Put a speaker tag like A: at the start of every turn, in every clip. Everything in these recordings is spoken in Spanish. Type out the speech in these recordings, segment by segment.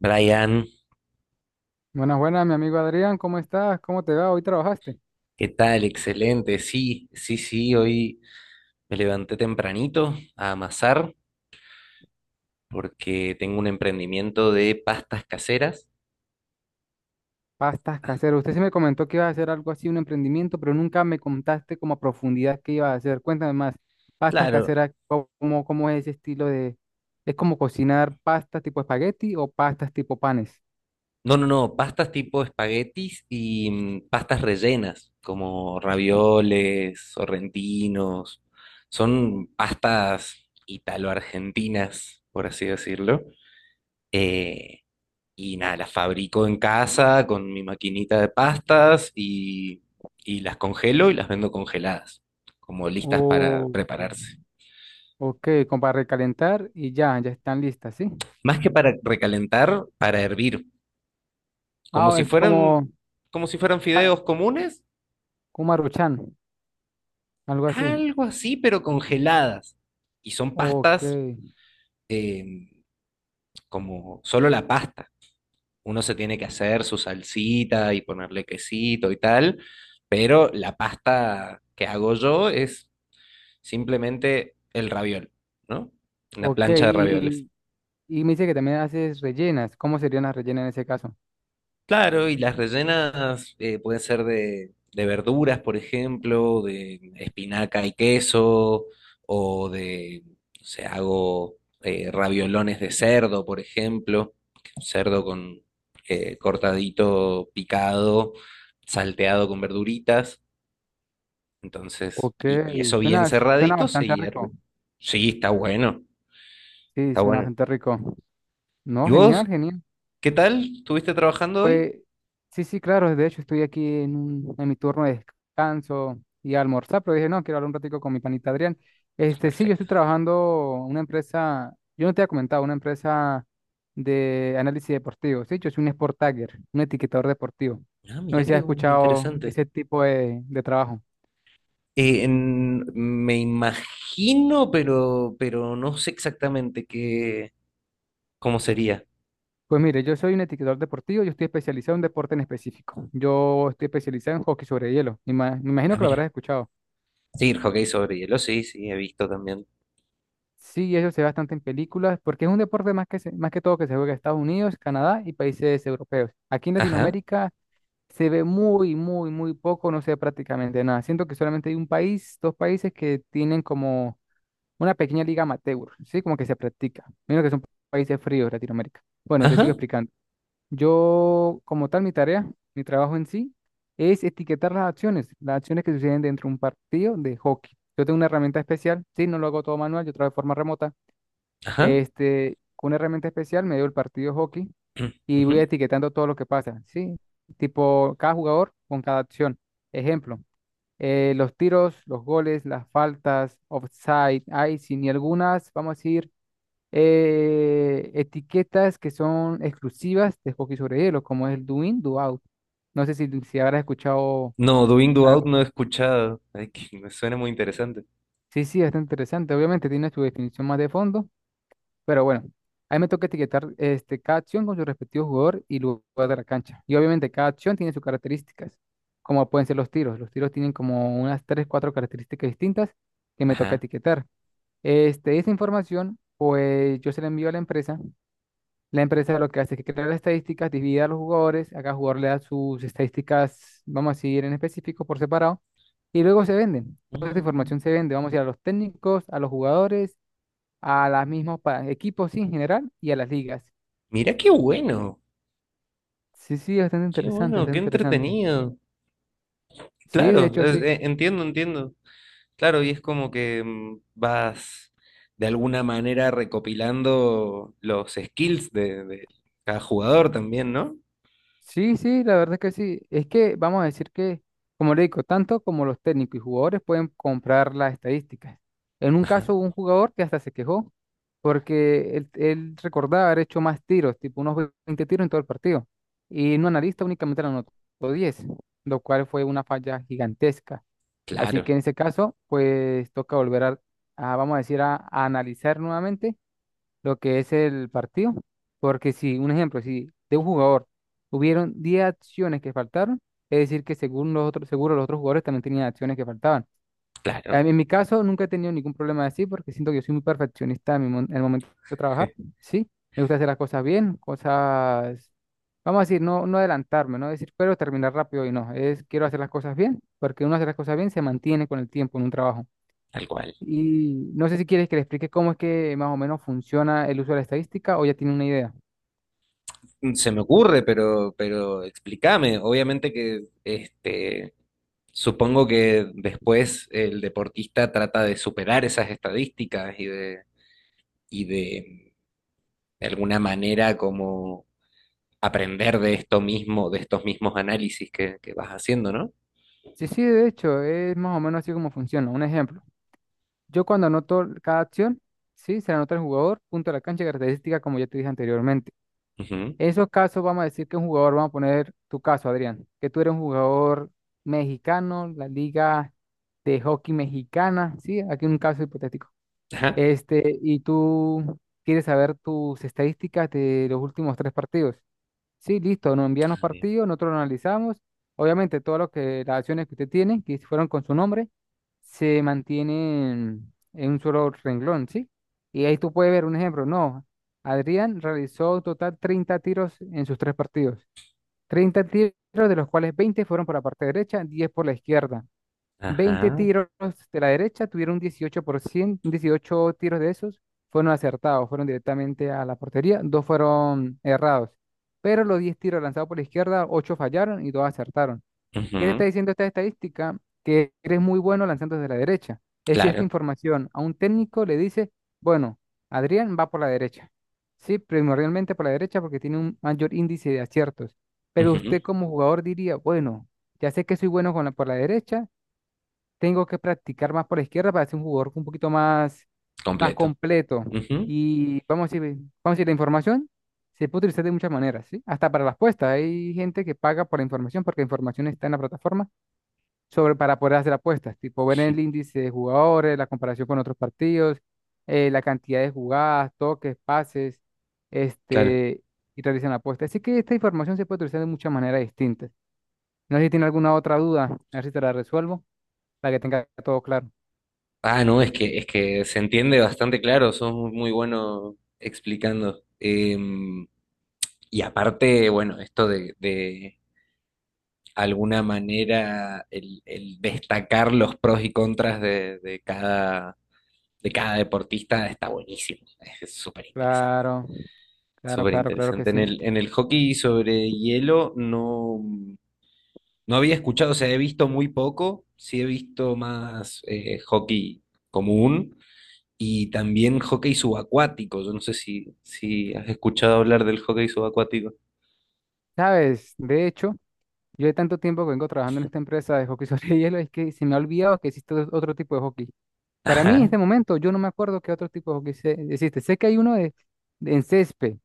A: Brian,
B: Buenas, buenas, mi amigo Adrián, ¿cómo estás? ¿Cómo te va? ¿Hoy trabajaste?
A: ¿qué tal? Excelente. Sí, sí, sí, hoy me levanté tempranito a amasar porque tengo un emprendimiento de pastas caseras.
B: Pastas caseras. Usted sí me comentó que ibas a hacer algo así, un emprendimiento, pero nunca me contaste como a profundidad qué ibas a hacer. Cuéntame más. Pastas
A: Claro.
B: caseras, ¿cómo es ese estilo de... ¿Es como cocinar pastas tipo espagueti o pastas tipo panes?
A: No, no, no, pastas tipo espaguetis y pastas rellenas, como ravioles, sorrentinos. Son pastas italo-argentinas, por así decirlo. Eh, Y nada, las fabrico en casa con mi maquinita de pastas y las congelo y las vendo congeladas, como listas para
B: Oh,
A: prepararse.
B: ok, como para recalentar y ya, ya están listas, ¿sí?
A: Más que para recalentar, para hervir, como
B: Ah,
A: si
B: es como,
A: fueran, como si fueran
B: ah,
A: fideos comunes,
B: como Maruchan, algo así.
A: algo así, pero congeladas. Y son
B: Ok,
A: pastas eh, como solo la pasta. Uno se tiene que hacer su salsita y ponerle quesito y tal, pero la pasta que hago yo es simplemente el raviol, ¿no? Una
B: ok,
A: plancha de ravioles.
B: y... y... me dice que también haces rellenas. ¿Cómo serían las rellenas en ese caso?
A: Claro, y las rellenas pueden ser de verduras, por ejemplo, de espinaca y queso, o de, no sé, hago raviolones de cerdo, por ejemplo, cerdo con cortadito, picado, salteado con verduritas. Entonces,
B: Ok,
A: y eso bien
B: suena, suena
A: cerradito se
B: bastante rico.
A: hierve. Sí, está bueno,
B: Sí,
A: está
B: suena
A: bueno.
B: bastante rico. No,
A: ¿Y
B: genial,
A: vos
B: genial.
A: ¿Qué tal? ¿Estuviste trabajando hoy?
B: Pues sí, sí, claro. De hecho, estoy aquí en mi turno de descanso y almorzar, pero dije, no, quiero hablar un ratico con mi panita Adrián. Este, sí, yo
A: Perfecto.
B: estoy trabajando en una empresa, yo no te había comentado, una empresa de análisis deportivo. Sí, yo soy un sport tagger, un etiquetador deportivo.
A: Ah,
B: No sé
A: mira
B: si
A: qué
B: has escuchado
A: interesante.
B: ese tipo de trabajo.
A: Me imagino, pero no sé exactamente qué, cómo sería.
B: Pues mire, yo soy un etiquetador deportivo, yo estoy especializado en un deporte en específico. Yo estoy especializado en hockey sobre hielo. Me imagino
A: Ah,
B: que lo
A: mira.
B: habrás escuchado.
A: Sí, el hockey sobre hielo, sí, sí, he visto también.
B: Sí, eso se ve bastante en películas, porque es un deporte más que, más que todo que se juega en Estados Unidos, Canadá y países europeos. Aquí en
A: Ajá,
B: Latinoamérica se ve muy, muy, muy poco, no se ve prácticamente nada. Siento que solamente hay un país, dos países que tienen como una pequeña liga amateur, ¿sí? Como que se practica. Menos que son países fríos, Latinoamérica. Bueno, te sigo
A: ajá,
B: explicando. Yo, como tal, mi tarea, mi trabajo en sí, es etiquetar las acciones que suceden dentro de un partido de hockey. Yo tengo una herramienta especial, sí, no lo hago todo manual, yo trabajo de forma remota.
A: ajá.
B: Este, con una herramienta especial me dio el partido de hockey y voy
A: Ujú.
B: etiquetando todo lo que pasa, sí, tipo cada jugador con cada acción. Ejemplo, los tiros, los goles, las faltas, offside, icing y algunas, vamos a decir, etiquetas que son exclusivas de hockey sobre hielo, como es el do in, do out. No sé si habrás escuchado
A: No, Doing Do Out
B: algo.
A: no he escuchado. Ay, que me suena muy interesante.
B: Sí, sí, está interesante. Obviamente tiene su definición más de fondo, pero bueno, ahí me toca etiquetar, este, cada acción con su respectivo jugador y lugar de la cancha. Y obviamente cada acción tiene sus características, como pueden ser los tiros. Los tiros tienen como unas 3 4 características distintas que me toca
A: Ajá.
B: etiquetar. Este, esa información, pues yo se la envío a la empresa. La empresa lo que hace es que crea las estadísticas, divide a los jugadores, a cada jugador le da sus estadísticas, vamos a decir, en específico, por separado, y luego se venden. Toda esta información
A: Mm,
B: se vende, vamos a ir a los técnicos, a los jugadores, a los mismos equipos, sí, en general y a las ligas.
A: mira qué bueno,
B: Sí, sí, bastante
A: qué
B: interesante,
A: bueno, qué
B: bastante interesante.
A: entretenido.
B: Sí, de
A: Claro,
B: hecho, sí,
A: entiendo, entiendo. Claro, y es como que vas de alguna manera recopilando los skills de cada jugador también, ¿no?
B: sí, sí, la verdad es que sí. Es que vamos a decir que, como le digo, tanto como los técnicos y jugadores pueden comprar las estadísticas. En un
A: Ajá,
B: caso, hubo un jugador que hasta se quejó porque él recordaba haber hecho más tiros, tipo unos 20 tiros en todo el partido. Y un analista únicamente le anotó 10, lo cual fue una falla gigantesca. Así
A: claro,
B: que en ese caso, pues toca volver a, vamos a decir, a analizar nuevamente lo que es el partido. Porque si, un ejemplo, si de un jugador hubieron 10 acciones que faltaron, es decir, que según los otros, seguro los otros jugadores también tenían acciones que faltaban.
A: claro,
B: A mí, en mi caso, nunca he tenido ningún problema así porque siento que yo soy muy perfeccionista en, en el momento de trabajar. Sí, me gusta hacer las cosas bien, cosas, vamos a decir, no, no adelantarme, no decir, pero terminar rápido y no. Es, quiero hacer las cosas bien porque uno hace las cosas bien se mantiene con el tiempo en un trabajo.
A: tal cual.
B: Y no sé si quieres que le explique cómo es que más o menos funciona el uso de la estadística o ya tiene una idea.
A: Mm, se me ocurre, pero explícame. Obviamente que este, supongo que después el deportista trata de superar esas estadísticas y de, de alguna manera como aprender de esto mismo, de estos mismos análisis que vas haciendo, ¿no?
B: Sí, sí, de hecho, es más o menos así como funciona. Un ejemplo. Yo cuando anoto cada acción, sí, se la anota el jugador, punto de la cancha y característica, como ya te dije anteriormente.
A: Ujú.
B: En esos casos vamos a decir que un jugador, vamos a poner tu caso, Adrián, que tú eres un jugador mexicano, la liga de hockey mexicana, sí, aquí un caso hipotético.
A: Ajá.
B: Este, y tú quieres saber tus estadísticas de los últimos tres partidos. Sí, listo, nos envían los
A: Bien.
B: partidos, nosotros lo analizamos. Obviamente, todo lo que las acciones que usted tiene, que fueron con su nombre, se mantienen en un solo renglón, ¿sí? Y ahí tú puedes ver un ejemplo. No, Adrián realizó total 30 tiros en sus tres partidos. 30 tiros, de los cuales 20 fueron por la parte derecha, 10 por la izquierda. 20
A: Ajá.
B: tiros de la derecha tuvieron 18%, 18 tiros de esos fueron acertados, fueron directamente a la portería, dos fueron errados. Pero los 10 tiros lanzados por la izquierda, 8 fallaron y 2 acertaron. ¿Qué te está
A: Ujú.
B: diciendo esta estadística? Que eres muy bueno lanzando desde la derecha. Es si esta
A: Claro.
B: información a un técnico le dice, bueno, Adrián va por la derecha. Sí, primordialmente por la derecha porque tiene un mayor índice de aciertos. Pero
A: Ujú.
B: usted como jugador diría, bueno, ya sé que soy bueno con la, por la derecha tengo que practicar más por la izquierda para ser un jugador un poquito más, más
A: Completo.
B: completo.
A: Ujú.
B: Y vamos a decir, la información se puede utilizar de muchas maneras, ¿sí? Hasta para las apuestas. Hay gente que paga por la información porque la información está en la plataforma sobre, para poder hacer apuestas, tipo ver el índice de jugadores, la comparación con otros partidos, la cantidad de jugadas, toques, pases,
A: Claro.
B: este, y realizan apuestas. Así que esta información se puede utilizar de muchas maneras distintas. No sé si tiene alguna otra duda, a ver si te la resuelvo, para que tenga todo claro.
A: Ah, no, es que se entiende bastante claro, sos muy, muy bueno explicando. Y aparte, bueno, esto de alguna manera el destacar los pros y contras de cada deportista está buenísimo. Es súper interesante.
B: Claro, claro,
A: Súper
B: claro, claro que
A: interesante.
B: sí.
A: En el hockey sobre hielo no. No había escuchado, o sea, he visto muy poco, sí he visto más hockey común y también hockey subacuático. Yo no sé si has escuchado hablar del hockey subacuático.
B: Sabes, de hecho, yo de tanto tiempo que vengo trabajando en esta empresa de hockey sobre hielo, es que se me ha olvidado que existe otro tipo de hockey. Para mí, en
A: Ajá,
B: este momento, yo no me acuerdo qué otro tipo de hockey existe. Sé que hay uno de, en césped,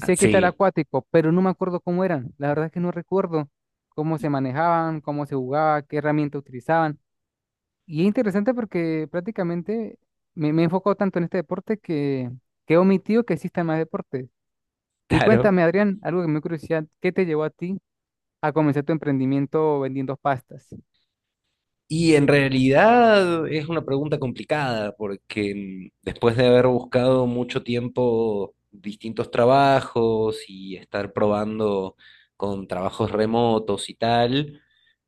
A: ah,
B: sé que está el
A: sí,
B: acuático, pero no me acuerdo cómo eran. La verdad es que no recuerdo cómo
A: y-
B: se manejaban, cómo se jugaba, qué herramienta utilizaban. Y es interesante porque prácticamente me he enfocado tanto en este deporte que, he omitido que existan más deportes. Y
A: claro.
B: cuéntame, Adrián, algo que me dio curiosidad, ¿qué te llevó a ti a comenzar tu emprendimiento vendiendo pastas?
A: Y en realidad es una pregunta complicada porque después de haber buscado mucho tiempo distintos trabajos y estar probando con trabajos remotos y tal,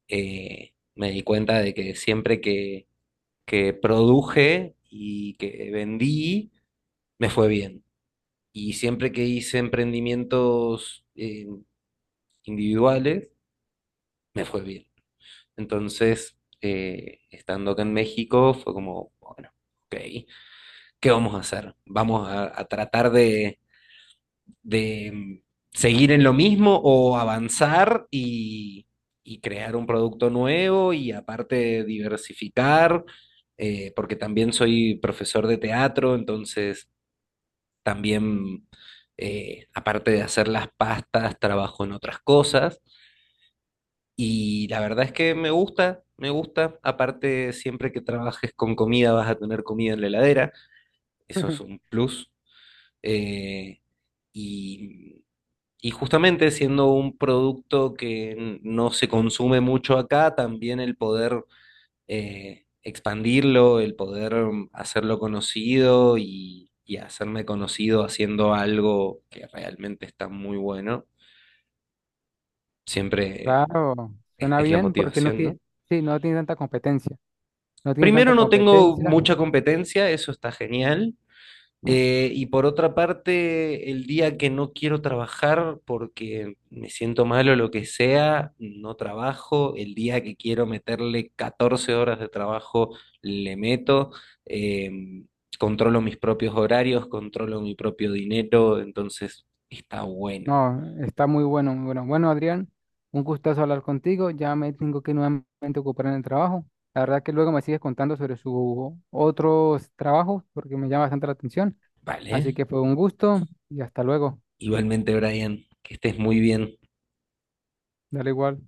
A: me di cuenta de que siempre que produje y que vendí, me fue bien. Y siempre que hice emprendimientos individuales, me fue bien. Entonces, estando acá en México, fue como, bueno, ok, ¿qué vamos a hacer? ¿Vamos a tratar de seguir en lo mismo o avanzar y crear un producto nuevo y aparte diversificar, porque también soy profesor de teatro, entonces también, aparte de hacer las pastas, trabajo en otras cosas. Y la verdad es que me gusta, me gusta. Aparte, siempre que trabajes con comida vas a tener comida en la heladera. Eso es un plus. Eh, y, y justamente siendo un producto que no se consume mucho acá, también el poder expandirlo, el poder hacerlo conocido y hacerme conocido haciendo algo que realmente está muy bueno, siempre
B: Claro, suena
A: es la
B: bien porque no
A: motivación, ¿no?
B: tiene, sí, no tiene tanta competencia, no tiene tanta
A: Primero no tengo
B: competencia.
A: mucha competencia, eso está genial. Y por otra parte, el día que no quiero trabajar porque me siento mal o lo que sea, no trabajo. El día que quiero meterle 14 horas de trabajo, le meto. Eh, Controlo mis propios horarios, controlo mi propio dinero, entonces está bueno.
B: No, está muy bueno, muy bueno. Bueno, Adrián, un gustazo hablar contigo, ya me tengo que nuevamente ocupar en el trabajo. La verdad que luego me sigues contando sobre sus otros trabajos porque me llama bastante la atención, así
A: Vale.
B: que fue un gusto y hasta luego,
A: Igualmente, Brian, que estés muy bien.
B: dale igual.